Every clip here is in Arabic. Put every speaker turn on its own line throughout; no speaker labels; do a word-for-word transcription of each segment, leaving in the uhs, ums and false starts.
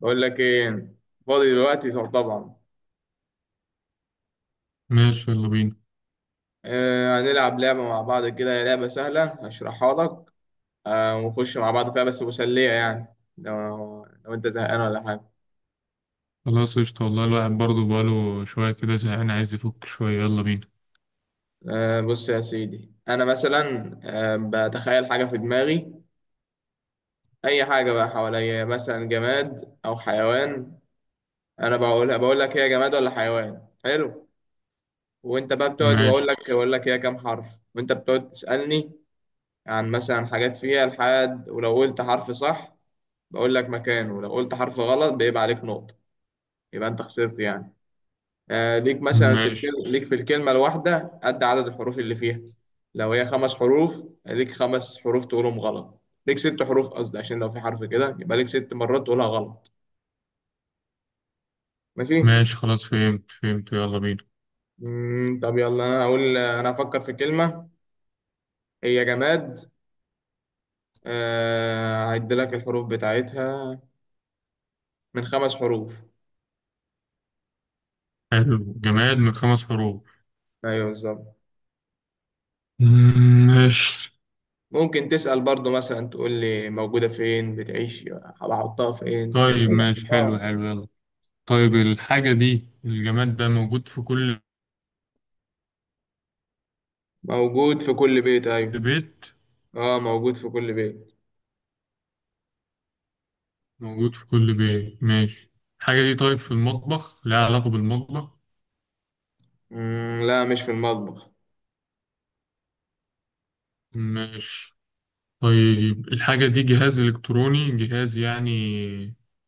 بقول لك ايه؟ فاضي دلوقتي طبعا.
ماشي، يلا بينا.
آه، هنلعب لعبة مع بعض كده، هي لعبة سهلة هشرحها لك. آه، ونخش مع بعض فيها، بس مسلية يعني. لو لو انت زهقان ولا حاجة.
خلاص، قشطة، والله الواحد برضه بقاله شوية كده زهقان، عايز يفك شوية، يلا بينا.
آه، بص يا سيدي، انا مثلا آه بتخيل حاجة في دماغي، اي حاجة بقى حواليا، مثلا جماد او حيوان. انا بقولها، بقول لك هي جماد ولا حيوان، حلو. وانت بقى بتقعد، واقول
ماشي،
لك واقول لك هي كام حرف. وانت بتقعد تسألني عن مثلا حاجات فيها، لحد ولو قلت حرف صح بقول لك مكانه، لو قلت حرف غلط بيبقى عليك نقطة، يبقى انت خسرت يعني. آه، ليك مثلا في
ماشي،
الكلمة، ليك في الكلمة الواحدة قد عدد الحروف اللي فيها. لو هي خمس حروف ليك خمس حروف تقولهم غلط. ليك ست حروف قصدي، عشان لو في حرف كده يبقى ليك ست مرات تقولها غلط. ماشي.
ماشي. خلاص، فهمت، فهمت، يلا بينا.
مم، طب يلا، انا هقول، انا هفكر في كلمة، هي جماد. آه، هعد لك الحروف بتاعتها. من خمس حروف.
حلو، جماد من خمس حروف.
ايوه بالظبط.
مم، ماشي،
ممكن تسأل برضو، مثلا تقول لي موجودة فين، بتعيش بحطها فين كده.
طيب.
ايوه،
ماشي، حلو
اه
حلو، يلا. طيب، الحاجة دي، الجماد ده موجود في كل
موجود في كل بيت، أيوة.
بيت؟
اه موجود في كل بيت.
موجود في كل بيت، ماشي. الحاجة دي طيب، في المطبخ؟ لها علاقة بالمطبخ؟
مم، لا مش في المطبخ.
ماشي. طيب، الحاجة دي جهاز إلكتروني، جهاز يعني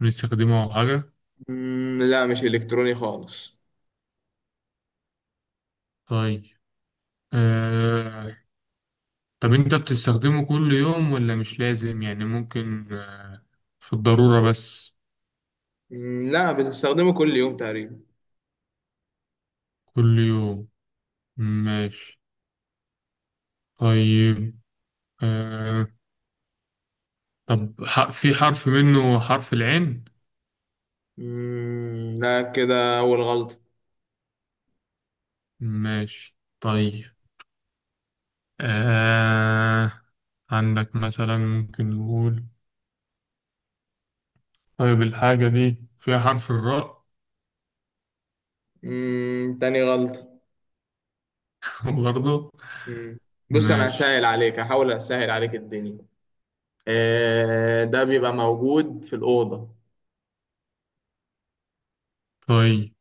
بنستخدمه أو حاجة؟
مم، لا مش إلكتروني خالص.
طيب. آه... طب أنت بتستخدمه كل يوم ولا مش لازم، يعني ممكن آه... في الضرورة بس؟
مم، لا بتستخدمه كل يوم تقريبا.
كل يوم، ماشي، طيب. آه... طب، ح... في حرف منه حرف العين؟
مم، لا كده أول غلطة.
ماشي، طيب. آه... عندك مثلا ممكن نقول، طيب الحاجة دي فيها حرف الراء؟
مم، تاني غلطة.
برضه.
مم. بص أنا هسهل
ماشي،
عليك، هحاول أسهل عليك الدنيا. آه، ده بيبقى موجود في الأوضة.
طيب.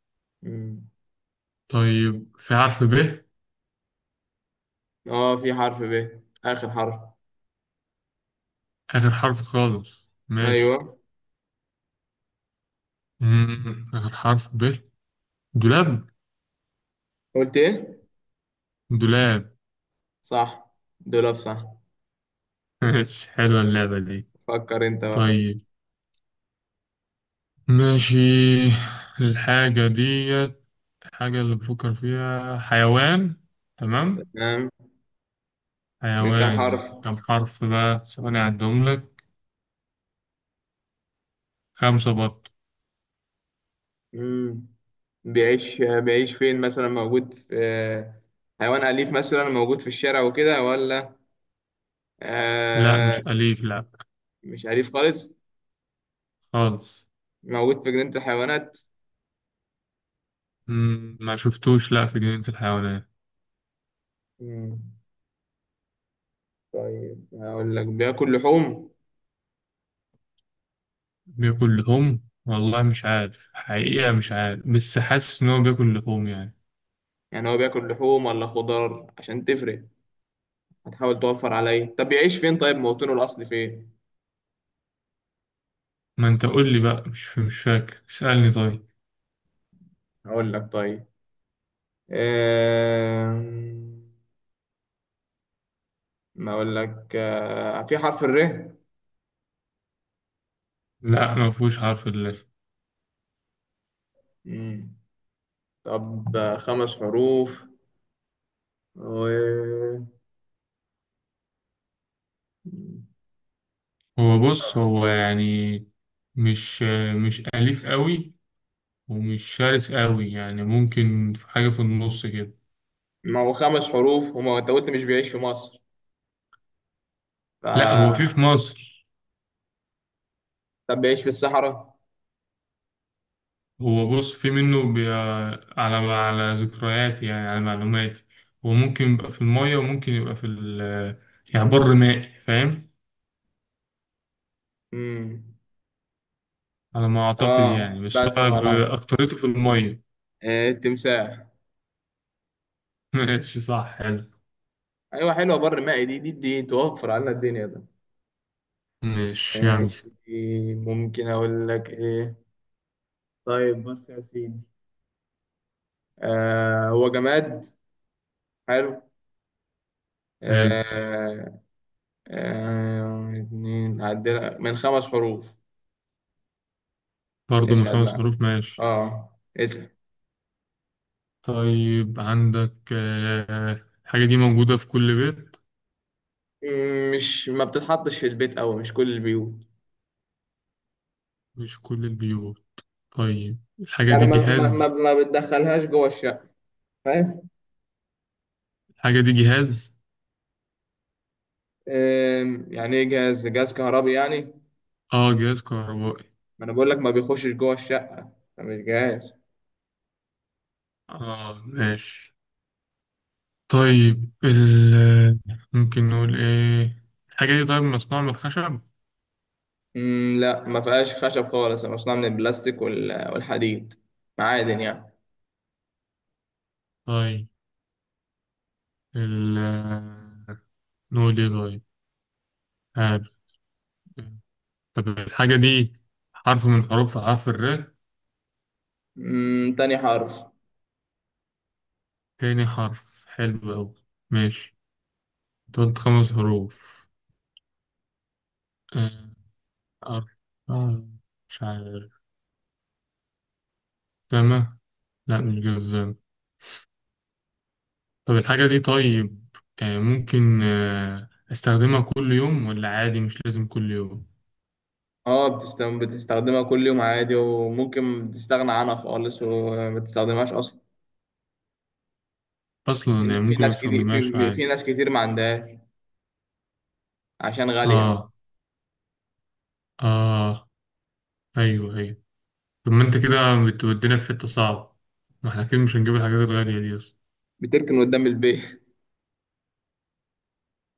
مم.
طيب في حرف ب؟
اه في حرف ب، آخر حرف.
آخر حرف خالص؟ ماشي.
ايوه.
مم. آخر حرف ب. دولاب.
قلت ايه؟
دولاب.
صح. دولاب صح.
ماشي، حلوة اللعبة دي.
فكر انت بقى.
طيب، ماشي. الحاجة ديت الحاجة اللي بفكر فيها حيوان. تمام.
تمام. من كام
حيوان
حرف؟
كم حرف؟ بقى ثواني أعدهم لك. خمسة برضه.
مم. بيعيش بيعيش فين مثلا، موجود في آه، حيوان أليف مثلا موجود في الشارع وكده ولا
لا،
آه
مش أليف، لا
مش أليف خالص.
خالص.
موجود في جنينة الحيوانات.
مم. ما شفتوش، لا، في جنينة الحيوانات.
مم. طيب هقول لك بياكل لحوم.
بياكل لحوم؟ والله مش عارف، حقيقة مش عارف، بس حاسس إن هو بياكل لحوم يعني.
يعني هو بياكل لحوم ولا خضار، عشان تفرق، هتحاول توفر عليا. طب بيعيش فين، طيب موطنه الأصلي فين؟
ما أنت قول لي بقى، مش مش فاكر، اسألني طيب.
هقول لك طيب. آه، ما اقول لك، آه، في حرف الر.
لا، ما فيهوش حرف اللام.
مم. طب، آه، خمس حروف و...
هو، بص، هو يعني مش مش أليف قوي، ومش شرس قوي، يعني ممكن في حاجة في النص كده.
ما هو خمس حروف، وما هو انت قلت مش بيعيش في مصر.
لا، هو في
ف...
في مصر.
طب بيعيش في الصحراء.
هو، بص، في منه بي... على على ذكرياتي، يعني على معلوماتي. هو ممكن يبقى في المية، وممكن يبقى في ال... يعني بر مائي، فاهم؟
مم.
على ما أعتقد
اه
يعني، بس
بس
هو
خلاص.
بأكترته في المية.
آه، التمساح.
ماشي، صح، حلو.
ايوه حلوه، بر مائي، دي دي دي توفر علينا الدنيا ده.
ماشي، يلا.
ماشي. ممكن اقول لك ايه؟ طيب بص يا سيدي، آه، هو جماد، حلو.
حلو،
آه، آه، اتنين عدل من خمس حروف.
برضه من
اسأل
خمس
بقى.
حروف ماشي.
اه اسأل.
طيب، عندك آه، الحاجة دي موجودة في كل بيت؟
مم، مش ما بتتحطش في البيت أوي، مش كل البيوت.
مش كل البيوت. طيب الحاجة
يعني
دي
ما ما ما,
جهاز؟
ما بتدخلهاش جوه الشقة، فاهم.
الحاجة دي جهاز؟
آم، يعني ايه جهاز، جهاز كهربي يعني.
اه، جهاز كهربائي.
ما انا بقول لك ما بيخشش جوه الشقة، ده مش جهاز.
اه، ماشي، طيب. ال آه، ممكن نقول ايه؟ الحاجة دي طيب مصنوعة من الخشب؟
مم، لا ما فيهاش خشب خالص، مصنوع من البلاستيك وال- والحديد، معادن يعني.
طيب. ال آه، نقول ايه؟ طيب، عارف. طب الحاجة دي، حرف من حروف، حرف الر؟
مم، تاني حرف.
تاني حرف، حلو أوي، ماشي. تقعد خمس حروف. آه، أربعة. مش عارف. جزمة. لا، مش جزمة. طب الحاجة دي طيب، آه، ممكن آه، أستخدمها كل يوم ولا عادي مش لازم كل يوم؟
اه بتستخدم بتستخدمها كل يوم عادي، وممكن تستغنى عنها خالص وما تستخدمهاش اصلا.
أصلا
في
يعني،
في
ممكن ما
ناس كتير
أستخدمهاش
في
عادي.
في ناس كتير ما عندهاش، عشان غالية.
آه، آه، أيوه، أيوه. طب ما أنت كده بتودينا في حتة صعبة، ما احنا أكيد مش هنجيب الحاجات الغالية دي أصلا.
بتركن قدام البيت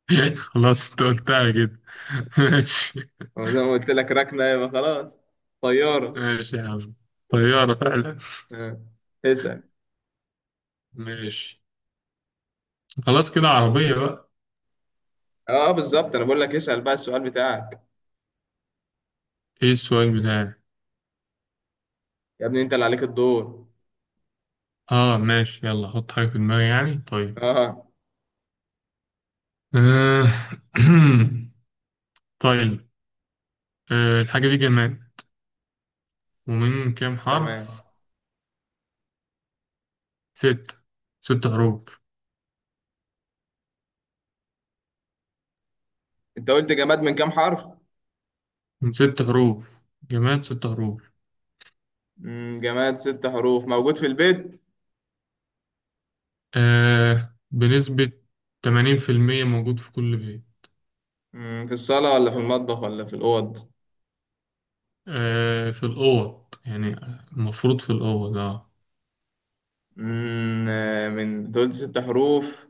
خلاص، انت قلتها كده. ماشي.
زي ما قلت لك، ركنة يبقى خلاص. طيارة.
ماشي يا عم، طيارة فعلا.
آه. اسأل.
ماشي، خلاص، كده عربية بقى.
اه بالظبط، انا بقول لك اسأل بقى السؤال بتاعك.
ايه السؤال بتاعي؟
يا ابني انت اللي عليك الدور.
اه، ماشي، يلا حط حاجة في دماغي يعني، طيب.
اه.
آه. طيب. آه. الحاجة دي جماد، ومن كام
تمام.
حرف؟ ستة. ست حروف.
انت قلت جماد من كام حرف؟
من ست حروف، جماد ست حروف.
مم، جماد ست حروف موجود في البيت؟
آه. بنسبة تمانين في المية موجود في كل بيت.
مم، في الصالة ولا في المطبخ ولا في الأوض؟
آه. في الأوض يعني، المفروض في الأوض، اه.
مم، آه، من دول ست حروف،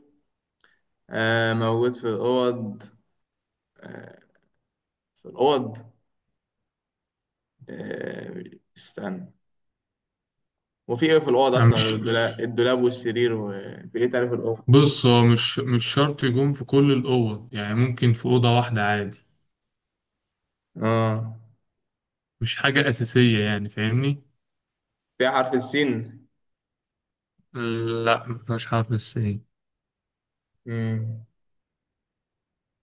آه، موجود في الأوض. آه، في الأوض. آه، استنى. وفي إيه في الأوض
يعني
أصلا غير
مش
الدولاب، الدولاب والسرير، وفي إيه تاني في الأوض؟
بص، هو مش مش شرط يكون في كل الأوض، يعني ممكن في أوضة واحدة عادي.
آه.
مش حاجة أساسية يعني، فاهمني؟
فيها حرف السين؟
لا، مش حرف السين.
مم.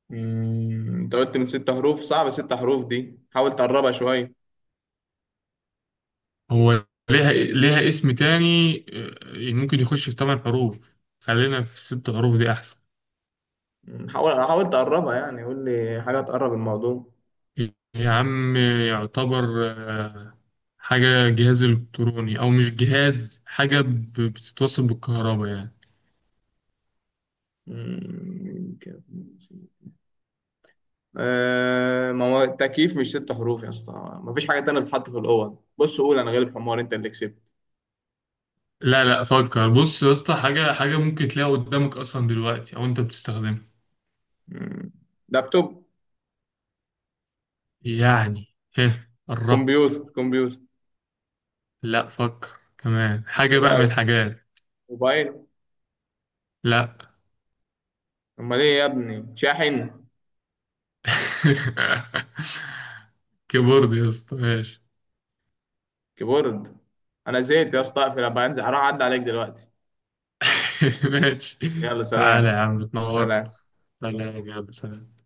مم، أنت قلت من ست حروف، صعب. ست حروف دي حاول تقربها شوية.
هو ليها ليها اسم تاني، آه، ممكن يخش في ثمان حروف. خلينا في ست حروف دي أحسن.
مم، حاول حاول تقربها، يعني قول لي حاجة تقرب الموضوع.
يا عم، يعتبر آه، حاجة، جهاز إلكتروني، أو مش جهاز، حاجة ب- بتتوصل بالكهرباء يعني.
مم، آه، ما هو التكييف مش ست حروف يا اسطى. ما فيش حاجة تانية بتتحط في الأوض، بص قول أنا غالب حمار، أنت اللي كسبت.
لا، لا، فكر، بص يا اسطى، حاجة حاجة ممكن تلاقيها قدامك أصلا دلوقتي، أو أنت بتستخدمها.
مم. لابتوب.
يعني، ايه، قربت.
كمبيوتر كمبيوتر.
لا، فكر، كمان حاجة بقى من
موبايل
الحاجات.
موبايل.
لا.
أمال إيه يا ابني، شاحن،
كيبورد يا اسطى، ماشي.
كيبورد. أنا زهقت يا اسطى، أقفل أبقى أنزل، هروح أعدي عليك دلوقتي.
ماشي.
يلا
تعالى
سلام.
يا عم تنور.
سلام.
سلام يا عم، سلام.